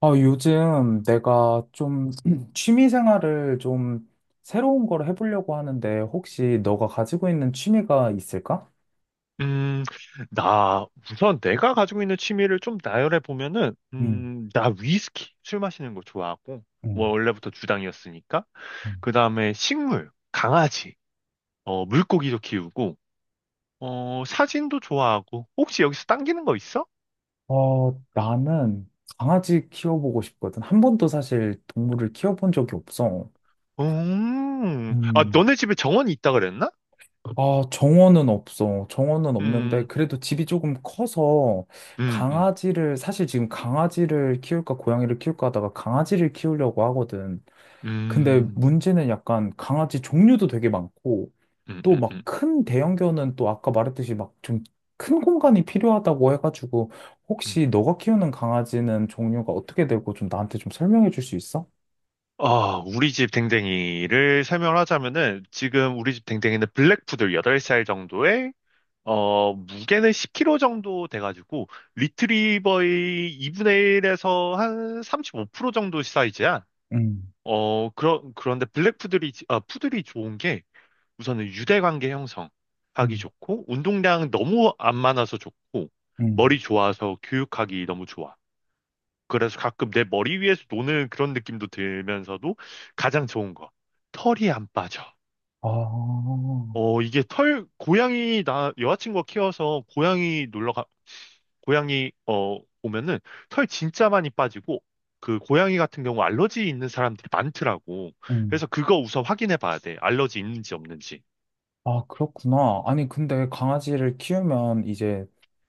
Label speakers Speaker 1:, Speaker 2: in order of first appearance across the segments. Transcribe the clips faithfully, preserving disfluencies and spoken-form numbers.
Speaker 1: 어, 요즘 내가 좀 취미 생활을 좀 새로운 걸 해보려고 하는데 혹시 너가 가지고 있는 취미가 있을까?
Speaker 2: 음, 나, 우선 내가 가지고 있는 취미를 좀 나열해 보면은,
Speaker 1: 음,
Speaker 2: 음, 나 위스키, 술 마시는 거 좋아하고, 뭐
Speaker 1: 음,
Speaker 2: 원래부터 주당이었으니까.
Speaker 1: 음.
Speaker 2: 그 다음에 식물, 강아지, 어, 물고기도 키우고, 어, 사진도 좋아하고, 혹시 여기서 당기는 거 있어?
Speaker 1: 어, 나는 강아지 키워보고 싶거든. 한 번도 사실 동물을 키워본 적이 없어.
Speaker 2: 음, 아,
Speaker 1: 음.
Speaker 2: 너네 집에 정원이 있다 그랬나?
Speaker 1: 아, 정원은 없어. 정원은 없는데,
Speaker 2: 음,
Speaker 1: 그래도 집이 조금 커서,
Speaker 2: 음, 음,
Speaker 1: 강아지를, 사실 지금 강아지를 키울까, 고양이를 키울까 하다가 강아지를 키우려고 하거든. 근데
Speaker 2: 음,
Speaker 1: 문제는 약간 강아지 종류도 되게 많고,
Speaker 2: 음,
Speaker 1: 또
Speaker 2: 음,
Speaker 1: 막
Speaker 2: 음,
Speaker 1: 큰 대형견은 또 아까 말했듯이 막 좀 큰 공간이 필요하다고 해가지고,
Speaker 2: 음.
Speaker 1: 혹시 너가 키우는 강아지는 종류가 어떻게 되고 좀 나한테 좀 설명해 줄 수 있어?
Speaker 2: 아, 우리 집 댕댕이를 설명을 하자면은 지금 우리 집 댕댕이는 블랙푸들 여덟 살 정도에 어, 무게는 십 킬로그램 정도 돼가지고 리트리버의 이분의 일에서 한 삼십오 퍼센트 정도 사이즈야.
Speaker 1: 음,
Speaker 2: 어, 그러, 그런데 블랙푸들이, 지- 아, 푸들이 좋은 게 우선은 유대관계 형성하기
Speaker 1: 음,
Speaker 2: 좋고 운동량 너무 안 많아서 좋고
Speaker 1: 음.
Speaker 2: 머리 좋아서 교육하기 너무 좋아. 그래서 가끔 내 머리 위에서 노는 그런 느낌도 들면서도 가장 좋은 거. 털이 안 빠져.
Speaker 1: 아,
Speaker 2: 어, 이게 털, 고양이, 나 여자친구가 키워서 고양이 놀러 가, 고양이, 어, 오면은 털 진짜 많이 빠지고 그 고양이 같은 경우 알러지 있는 사람들이 많더라고.
Speaker 1: 음.
Speaker 2: 그래서 그거 우선 확인해 봐야 돼. 알러지 있는지 없는지.
Speaker 1: 아, 그렇구나. 아니, 근데 강아지를 키우면 이제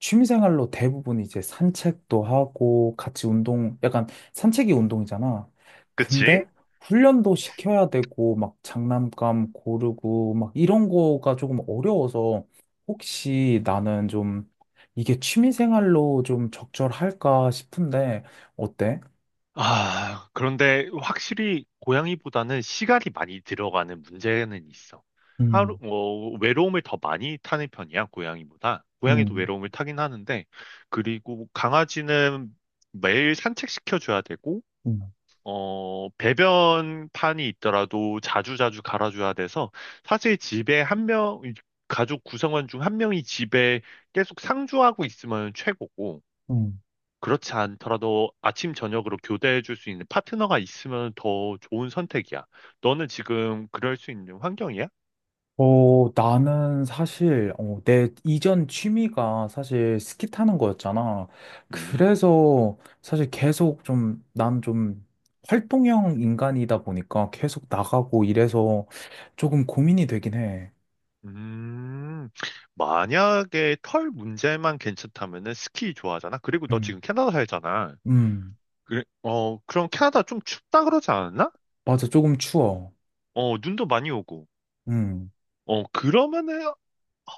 Speaker 1: 취미생활로 대부분 이제 산책도 하고 같이 운동, 약간 산책이 운동이잖아.
Speaker 2: 그치?
Speaker 1: 근데 훈련도 시켜야 되고 막 장난감 고르고 막 이런 거가 조금 어려워서 혹시 나는 좀 이게 취미생활로 좀 적절할까 싶은데 어때?
Speaker 2: 아, 그런데 확실히 고양이보다는 시간이 많이 들어가는 문제는 있어. 하루,
Speaker 1: 음,
Speaker 2: 어, 외로움을 더 많이 타는 편이야, 고양이보다. 고양이도
Speaker 1: 음,
Speaker 2: 외로움을 타긴 하는데, 그리고 강아지는 매일 산책시켜줘야 되고,
Speaker 1: 음,
Speaker 2: 어, 배변판이 있더라도 자주자주 갈아줘야 돼서, 사실 집에 한 명, 가족 구성원 중 한 명이 집에 계속 상주하고 있으면 최고고,
Speaker 1: 음.
Speaker 2: 그렇지 않더라도 아침 저녁으로 교대해 줄 수 있는 파트너가 있으면 더 좋은 선택이야. 너는 지금 그럴 수 있는 환경이야?
Speaker 1: 어, 나는 사실, 어, 내 이전 취미가 사실 스키 타는 거였잖아.
Speaker 2: 음.
Speaker 1: 그래서 사실 계속 좀, 난 좀 활동형 인간이다 보니까 계속 나가고 이래서 조금 고민이 되긴 해.
Speaker 2: 음. 만약에 털 문제만 괜찮다면은 스키 좋아하잖아. 그리고 너
Speaker 1: 음,
Speaker 2: 지금 캐나다 살잖아.
Speaker 1: 음,
Speaker 2: 그래, 어, 그럼 캐나다 좀 춥다 그러지 않았나?
Speaker 1: 맞아. 조금 추워.
Speaker 2: 어, 눈도 많이 오고.
Speaker 1: 음.
Speaker 2: 어, 그러면은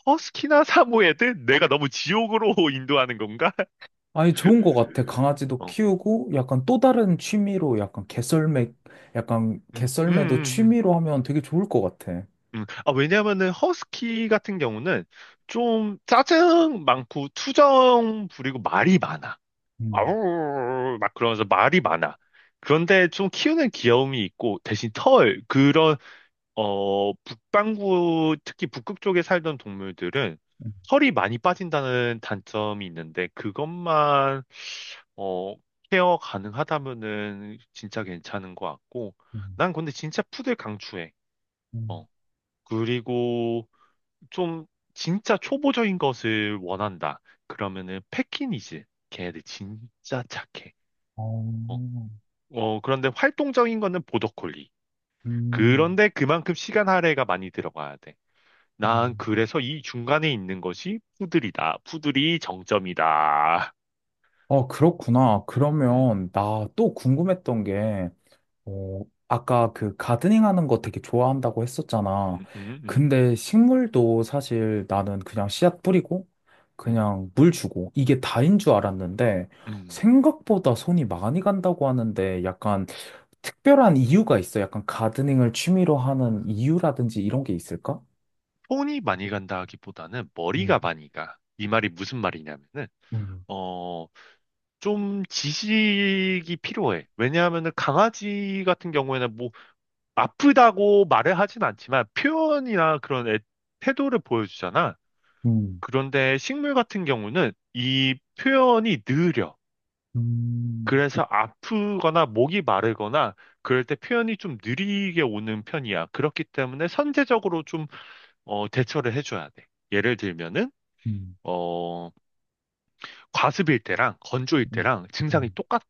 Speaker 2: 허스키나 사모예드? 내가 너무 지옥으로 인도하는 건가?
Speaker 1: 아니, 좋은 거 같아. 강아지도
Speaker 2: 어.
Speaker 1: 키우고 약간 또 다른 취미로 약간 개썰매, 약간
Speaker 2: 음, 음,
Speaker 1: 개썰매도
Speaker 2: 음, 음.
Speaker 1: 취미로 하면 되게 좋을 것 같아.
Speaker 2: 음, 아, 왜냐면은 허스키 같은 경우는 좀 짜증 많고 투정 부리고 말이 많아.
Speaker 1: 음,
Speaker 2: 아우 막 그러면서 말이 많아. 그런데 좀 키우는 귀여움이 있고 대신 털 그런 어 북반구 특히 북극 쪽에 살던 동물들은
Speaker 1: 음,
Speaker 2: 털이 많이 빠진다는 단점이 있는데 그것만 어 케어 가능하다면은 진짜 괜찮은 것 같고
Speaker 1: 음.
Speaker 2: 난 근데 진짜 푸들 강추해.
Speaker 1: 음.
Speaker 2: 어 그리고 좀 진짜 초보적인 것을 원한다. 그러면은 패키니즈. 걔네들 진짜 착해. 어,
Speaker 1: 어,
Speaker 2: 어, 그런데 활동적인 거는 보더콜리.
Speaker 1: 음,
Speaker 2: 그런데 그만큼 시간 할애가 많이 들어가야 돼. 난
Speaker 1: 음.
Speaker 2: 그래서 이 중간에 있는 것이 푸들이다. 푸들이 정점이다.
Speaker 1: 어, 그렇구나.
Speaker 2: 음,
Speaker 1: 그러면 나 또 궁금했던 게, 어, 아까 그 가드닝 하는 거 되게 좋아한다고 했었잖아.
Speaker 2: 음, 음, 음,
Speaker 1: 근데 식물도 사실 나는 그냥 씨앗 뿌리고,
Speaker 2: 음,
Speaker 1: 그냥 물 주고, 이게 다인 줄 알았는데,
Speaker 2: 음.
Speaker 1: 생각보다 손이 많이 간다고 하는데, 약간 특별한 이유가 있어. 약간 가드닝을 취미로 하는 이유라든지 이런 게 있을까?
Speaker 2: 손이 많이 간다 하기보다는
Speaker 1: 음,
Speaker 2: 머리가 많이 가. 이 말이 무슨 말이냐면은,
Speaker 1: 음,
Speaker 2: 어, 좀 지식이 필요해. 왜냐하면은 강아지 같은 경우에는 뭐 아프다고 말을 하진 않지만 표현이나 그런 애- 태도를 보여주잖아.
Speaker 1: 음,
Speaker 2: 그런데 식물 같은 경우는 이 표현이 느려.
Speaker 1: 음,
Speaker 2: 그래서 아프거나 목이 마르거나 그럴 때 표현이 좀 느리게 오는 편이야. 그렇기 때문에 선제적으로 좀 어, 대처를 해줘야 돼. 예를 들면은
Speaker 1: 음.
Speaker 2: 어, 과습일 때랑 건조일
Speaker 1: 음,
Speaker 2: 때랑 증상이
Speaker 1: 음,
Speaker 2: 똑같아.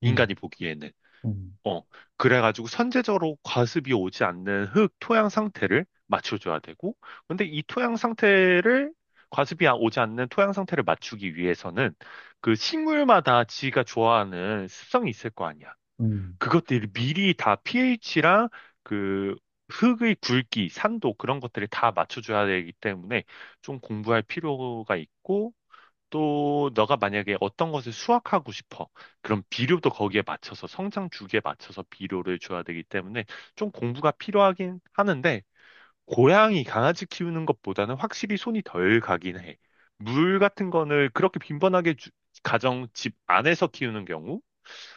Speaker 2: 인간이
Speaker 1: 음,
Speaker 2: 보기에는.
Speaker 1: 음,
Speaker 2: 어, 그래가지고 선제적으로 과습이 오지 않는 흙 토양 상태를 맞춰줘야 되고, 근데 이 토양 상태를, 과습이 아- 오지 않는 토양 상태를 맞추기 위해서는 그 식물마다 지가 좋아하는 습성이 있을 거 아니야.
Speaker 1: 음.
Speaker 2: 그것들이 미리 다 pH랑 그 흙의 굵기, 산도 그런 것들을 다 맞춰줘야 되기 때문에 좀 공부할 필요가 있고, 또 너가 만약에 어떤 것을 수확하고 싶어. 그럼 비료도 거기에 맞춰서 성장 주기에 맞춰서 비료를 줘야 되기 때문에 좀 공부가 필요하긴 하는데 고양이 강아지 키우는 것보다는 확실히 손이 덜 가긴 해. 물 같은 거를 그렇게 빈번하게 주- 가정 집 안에서 키우는 경우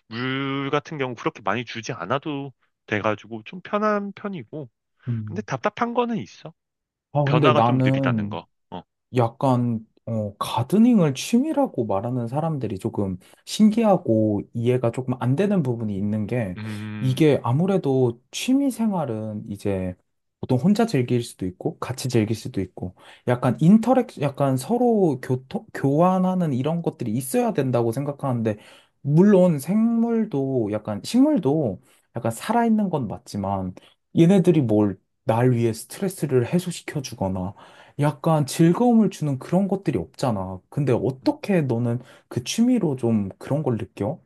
Speaker 2: 물 같은 경우 그렇게 많이 주지 않아도 돼가지고 좀 편한 편이고 근데
Speaker 1: 음.
Speaker 2: 답답한 거는 있어.
Speaker 1: 아, 근데
Speaker 2: 변화가 좀 느리다는
Speaker 1: 나는
Speaker 2: 거. 어.
Speaker 1: 약간 어, 가드닝을 취미라고 말하는 사람들이 조금
Speaker 2: 음.
Speaker 1: 신기하고 이해가 조금 안 되는 부분이 있는 게
Speaker 2: 음.
Speaker 1: 이게 아무래도 취미 생활은 이제 보통 혼자 즐길 수도 있고 같이 즐길 수도 있고 약간
Speaker 2: 음.
Speaker 1: 인터랙 약간 서로 교토, 교환하는 이런 것들이 있어야 된다고 생각하는데 물론 생물도 약간 식물도 약간 살아있는 건 맞지만 얘네들이 뭘 날 위해 스트레스를 해소시켜 주거나 약간 즐거움을 주는 그런 것들이 없잖아. 근데
Speaker 2: 음.
Speaker 1: 어떻게 너는 그 취미로 좀 그런 걸 느껴?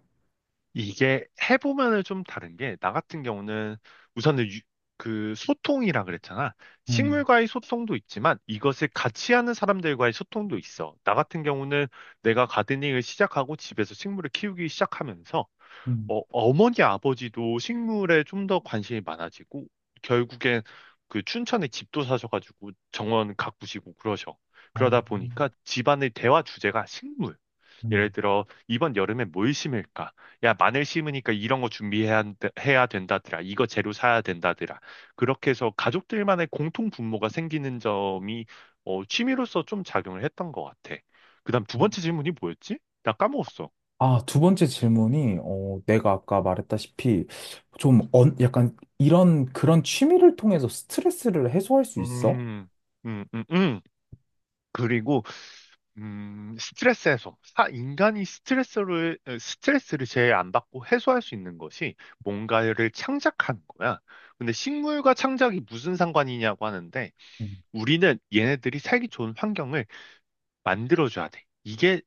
Speaker 2: 이게 해보면은 좀 다른 게, 나 같은 경우는 우선은 유- 그 소통이라 그랬잖아.
Speaker 1: 음,
Speaker 2: 식물과의 소통도 있지만 이것을 같이 하는 사람들과의 소통도 있어. 나 같은 경우는 내가 가드닝을 시작하고 집에서 식물을 키우기 시작하면서
Speaker 1: 음,
Speaker 2: 어, 어머니 아버지도 식물에 좀 더 관심이 많아지고 결국엔 그 춘천에 집도 사셔가지고 정원 가꾸시고 그러셔.
Speaker 1: 어,
Speaker 2: 그러다 보니까 집안의 대화 주제가 식물. 예를
Speaker 1: 음,
Speaker 2: 들어 이번 여름에 뭘 심을까? 야, 마늘 심으니까 이런 거 준비해야 한다- 해야 된다더라. 이거 재료 사야 된다더라. 그렇게 해서 가족들만의 공통 분모가 생기는 점이 어, 취미로서 좀 작용을 했던 것 같아. 그다음 두
Speaker 1: 음,
Speaker 2: 번째 질문이 뭐였지? 나 까먹었어.
Speaker 1: 아, 두 번째 질문이, 어, 내가 아까 말했다시피, 좀, 언 약간, 이런, 그런 취미를 통해서 스트레스를 해소할 수 있어?
Speaker 2: 음, 음, 음, 음. 그리고 음, 스트레스 해소. 사- 인간이 스트레스를 어, 스트레스를 제일 안 받고 해소할 수 있는 것이 뭔가를 창작하는 거야. 근데 식물과 창작이 무슨 상관이냐고 하는데
Speaker 1: 음,
Speaker 2: 우리는 얘네들이 살기 좋은 환경을 만들어줘야 돼. 이게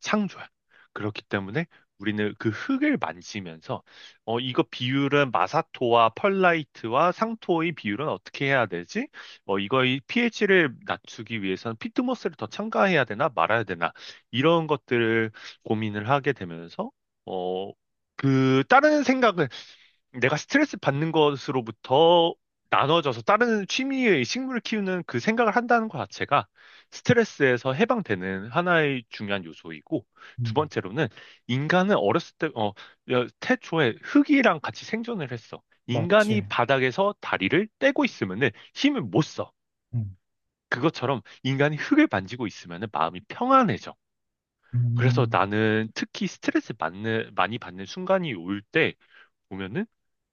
Speaker 2: 창조야. 그렇기 때문에 우리는 그 흙을 만지면서 어 이거 비율은 마사토와 펄라이트와 상토의 비율은 어떻게 해야 되지? 어 이거의 pH를 낮추기 위해서는 피트모스를 더 첨가해야 되나 말아야 되나 이런 것들을 고민을 하게 되면서 어 그 다른 생각을 내가 스트레스 받는 것으로부터 나눠져서 다른 취미의 식물을 키우는 그 생각을 한다는 것 자체가 스트레스에서 해방되는 하나의 중요한 요소이고, 두
Speaker 1: 음,
Speaker 2: 번째로는 인간은 어렸을 때, 어, 여- 태초에 흙이랑 같이 생존을 했어.
Speaker 1: 맞지.
Speaker 2: 인간이 바닥에서 다리를 떼고 있으면은 힘을 못 써.
Speaker 1: 음.
Speaker 2: 그것처럼 인간이 흙을 만지고 있으면은 마음이 평안해져. 그래서
Speaker 1: 음,
Speaker 2: 나는 특히 스트레스 받는, 많이 받는 순간이 올 때 보면은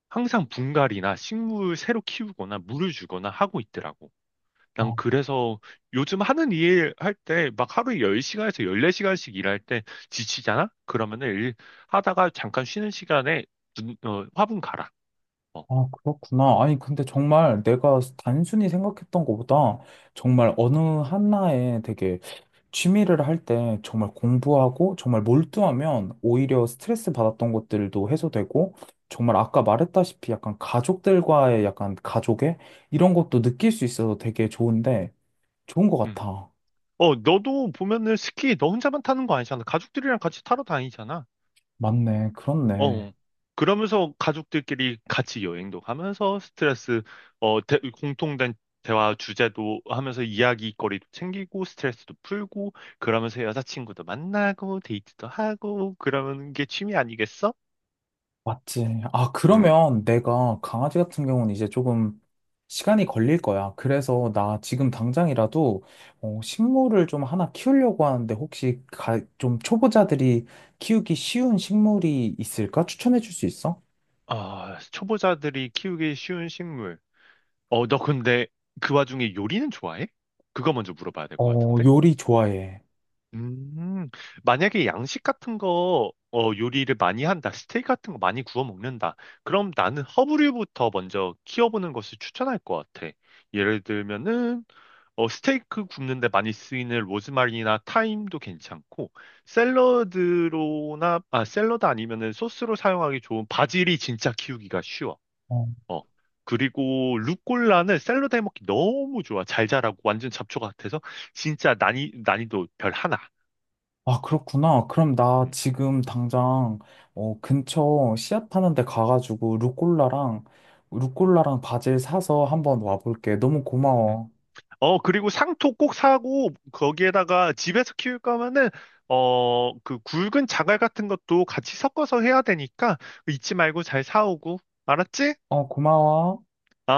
Speaker 2: 항상 분갈이나 식물 새로 키우거나 물을 주거나 하고 있더라고. 난
Speaker 1: 아,
Speaker 2: 그래서 요즘 하는 일 할 때 막 하루에 열 시간에서 열네 시간씩 일할 때 지치잖아? 그러면은 일 하다가 잠깐 쉬는 시간에 눈- 어, 화분 갈아. 어,
Speaker 1: 아, 그렇구나. 아니, 근데 정말 내가 단순히 생각했던 것보다 정말 어느 하나에 되게 취미를 할 때 정말 공부하고 정말 몰두하면 오히려 스트레스 받았던 것들도 해소되고 정말 아까 말했다시피 약간 가족들과의 약간 가족의 이런 것도 느낄 수 있어서 되게 좋은데 좋은 것
Speaker 2: 응.
Speaker 1: 같아.
Speaker 2: 어, 너도 보면은 스키 너 혼자만 타는 거 아니잖아. 가족들이랑 같이 타러 다니잖아.
Speaker 1: 맞네. 그렇네.
Speaker 2: 어. 그러면서 가족들끼리 같이 여행도 가면서 스트레스, 어, 대- 공통된 대화 주제도 하면서 이야기거리도 챙기고 스트레스도 풀고 그러면서 여자친구도 만나고 데이트도 하고 그러는 게 취미 아니겠어?
Speaker 1: 맞지. 아,
Speaker 2: 음.
Speaker 1: 그러면 내가 강아지 같은 경우는 이제 조금 시간이 걸릴 거야. 그래서 나 지금 당장이라도 어, 식물을 좀 하나 키우려고 하는데 혹시 가, 좀 초보자들이 키우기 쉬운 식물이 있을까? 추천해 줄 수 있어?
Speaker 2: 아, 초보자들이 키우기 쉬운 식물. 어, 너 근데 그 와중에 요리는 좋아해? 그거 먼저 물어봐야 될 것
Speaker 1: 어,
Speaker 2: 같은데?
Speaker 1: 요리 좋아해.
Speaker 2: 음, 만약에 양식 같은 거, 어, 요리를 많이 한다, 스테이크 같은 거 많이 구워 먹는다, 그럼 나는 허브류부터 먼저 키워보는 것을 추천할 것 같아. 예를 들면은, 어, 스테이크 굽는데 많이 쓰이는 로즈마리나 타임도 괜찮고, 샐러드로나, 아, 샐러드 아니면은 소스로 사용하기 좋은 바질이 진짜 키우기가 쉬워.
Speaker 1: 어.
Speaker 2: 어. 그리고 루꼴라는 샐러드 해먹기 너무 좋아. 잘 자라고 완전 잡초 같아서 진짜 난이, 난이도 별 하나. 음.
Speaker 1: 아, 그렇구나. 그럼 나 지금 당장 어, 근처 씨앗 파는 데 가가지고 루꼴라랑 루꼴라랑 바질 사서 한번 와볼게. 너무
Speaker 2: 음.
Speaker 1: 고마워.
Speaker 2: 어, 그리고 상토 꼭 사고, 거기에다가 집에서 키울 거면은, 어, 그 굵은 자갈 같은 것도 같이 섞어서 해야 되니까, 잊지 말고 잘 사오고. 알았지?
Speaker 1: 어, 고마워.
Speaker 2: 아.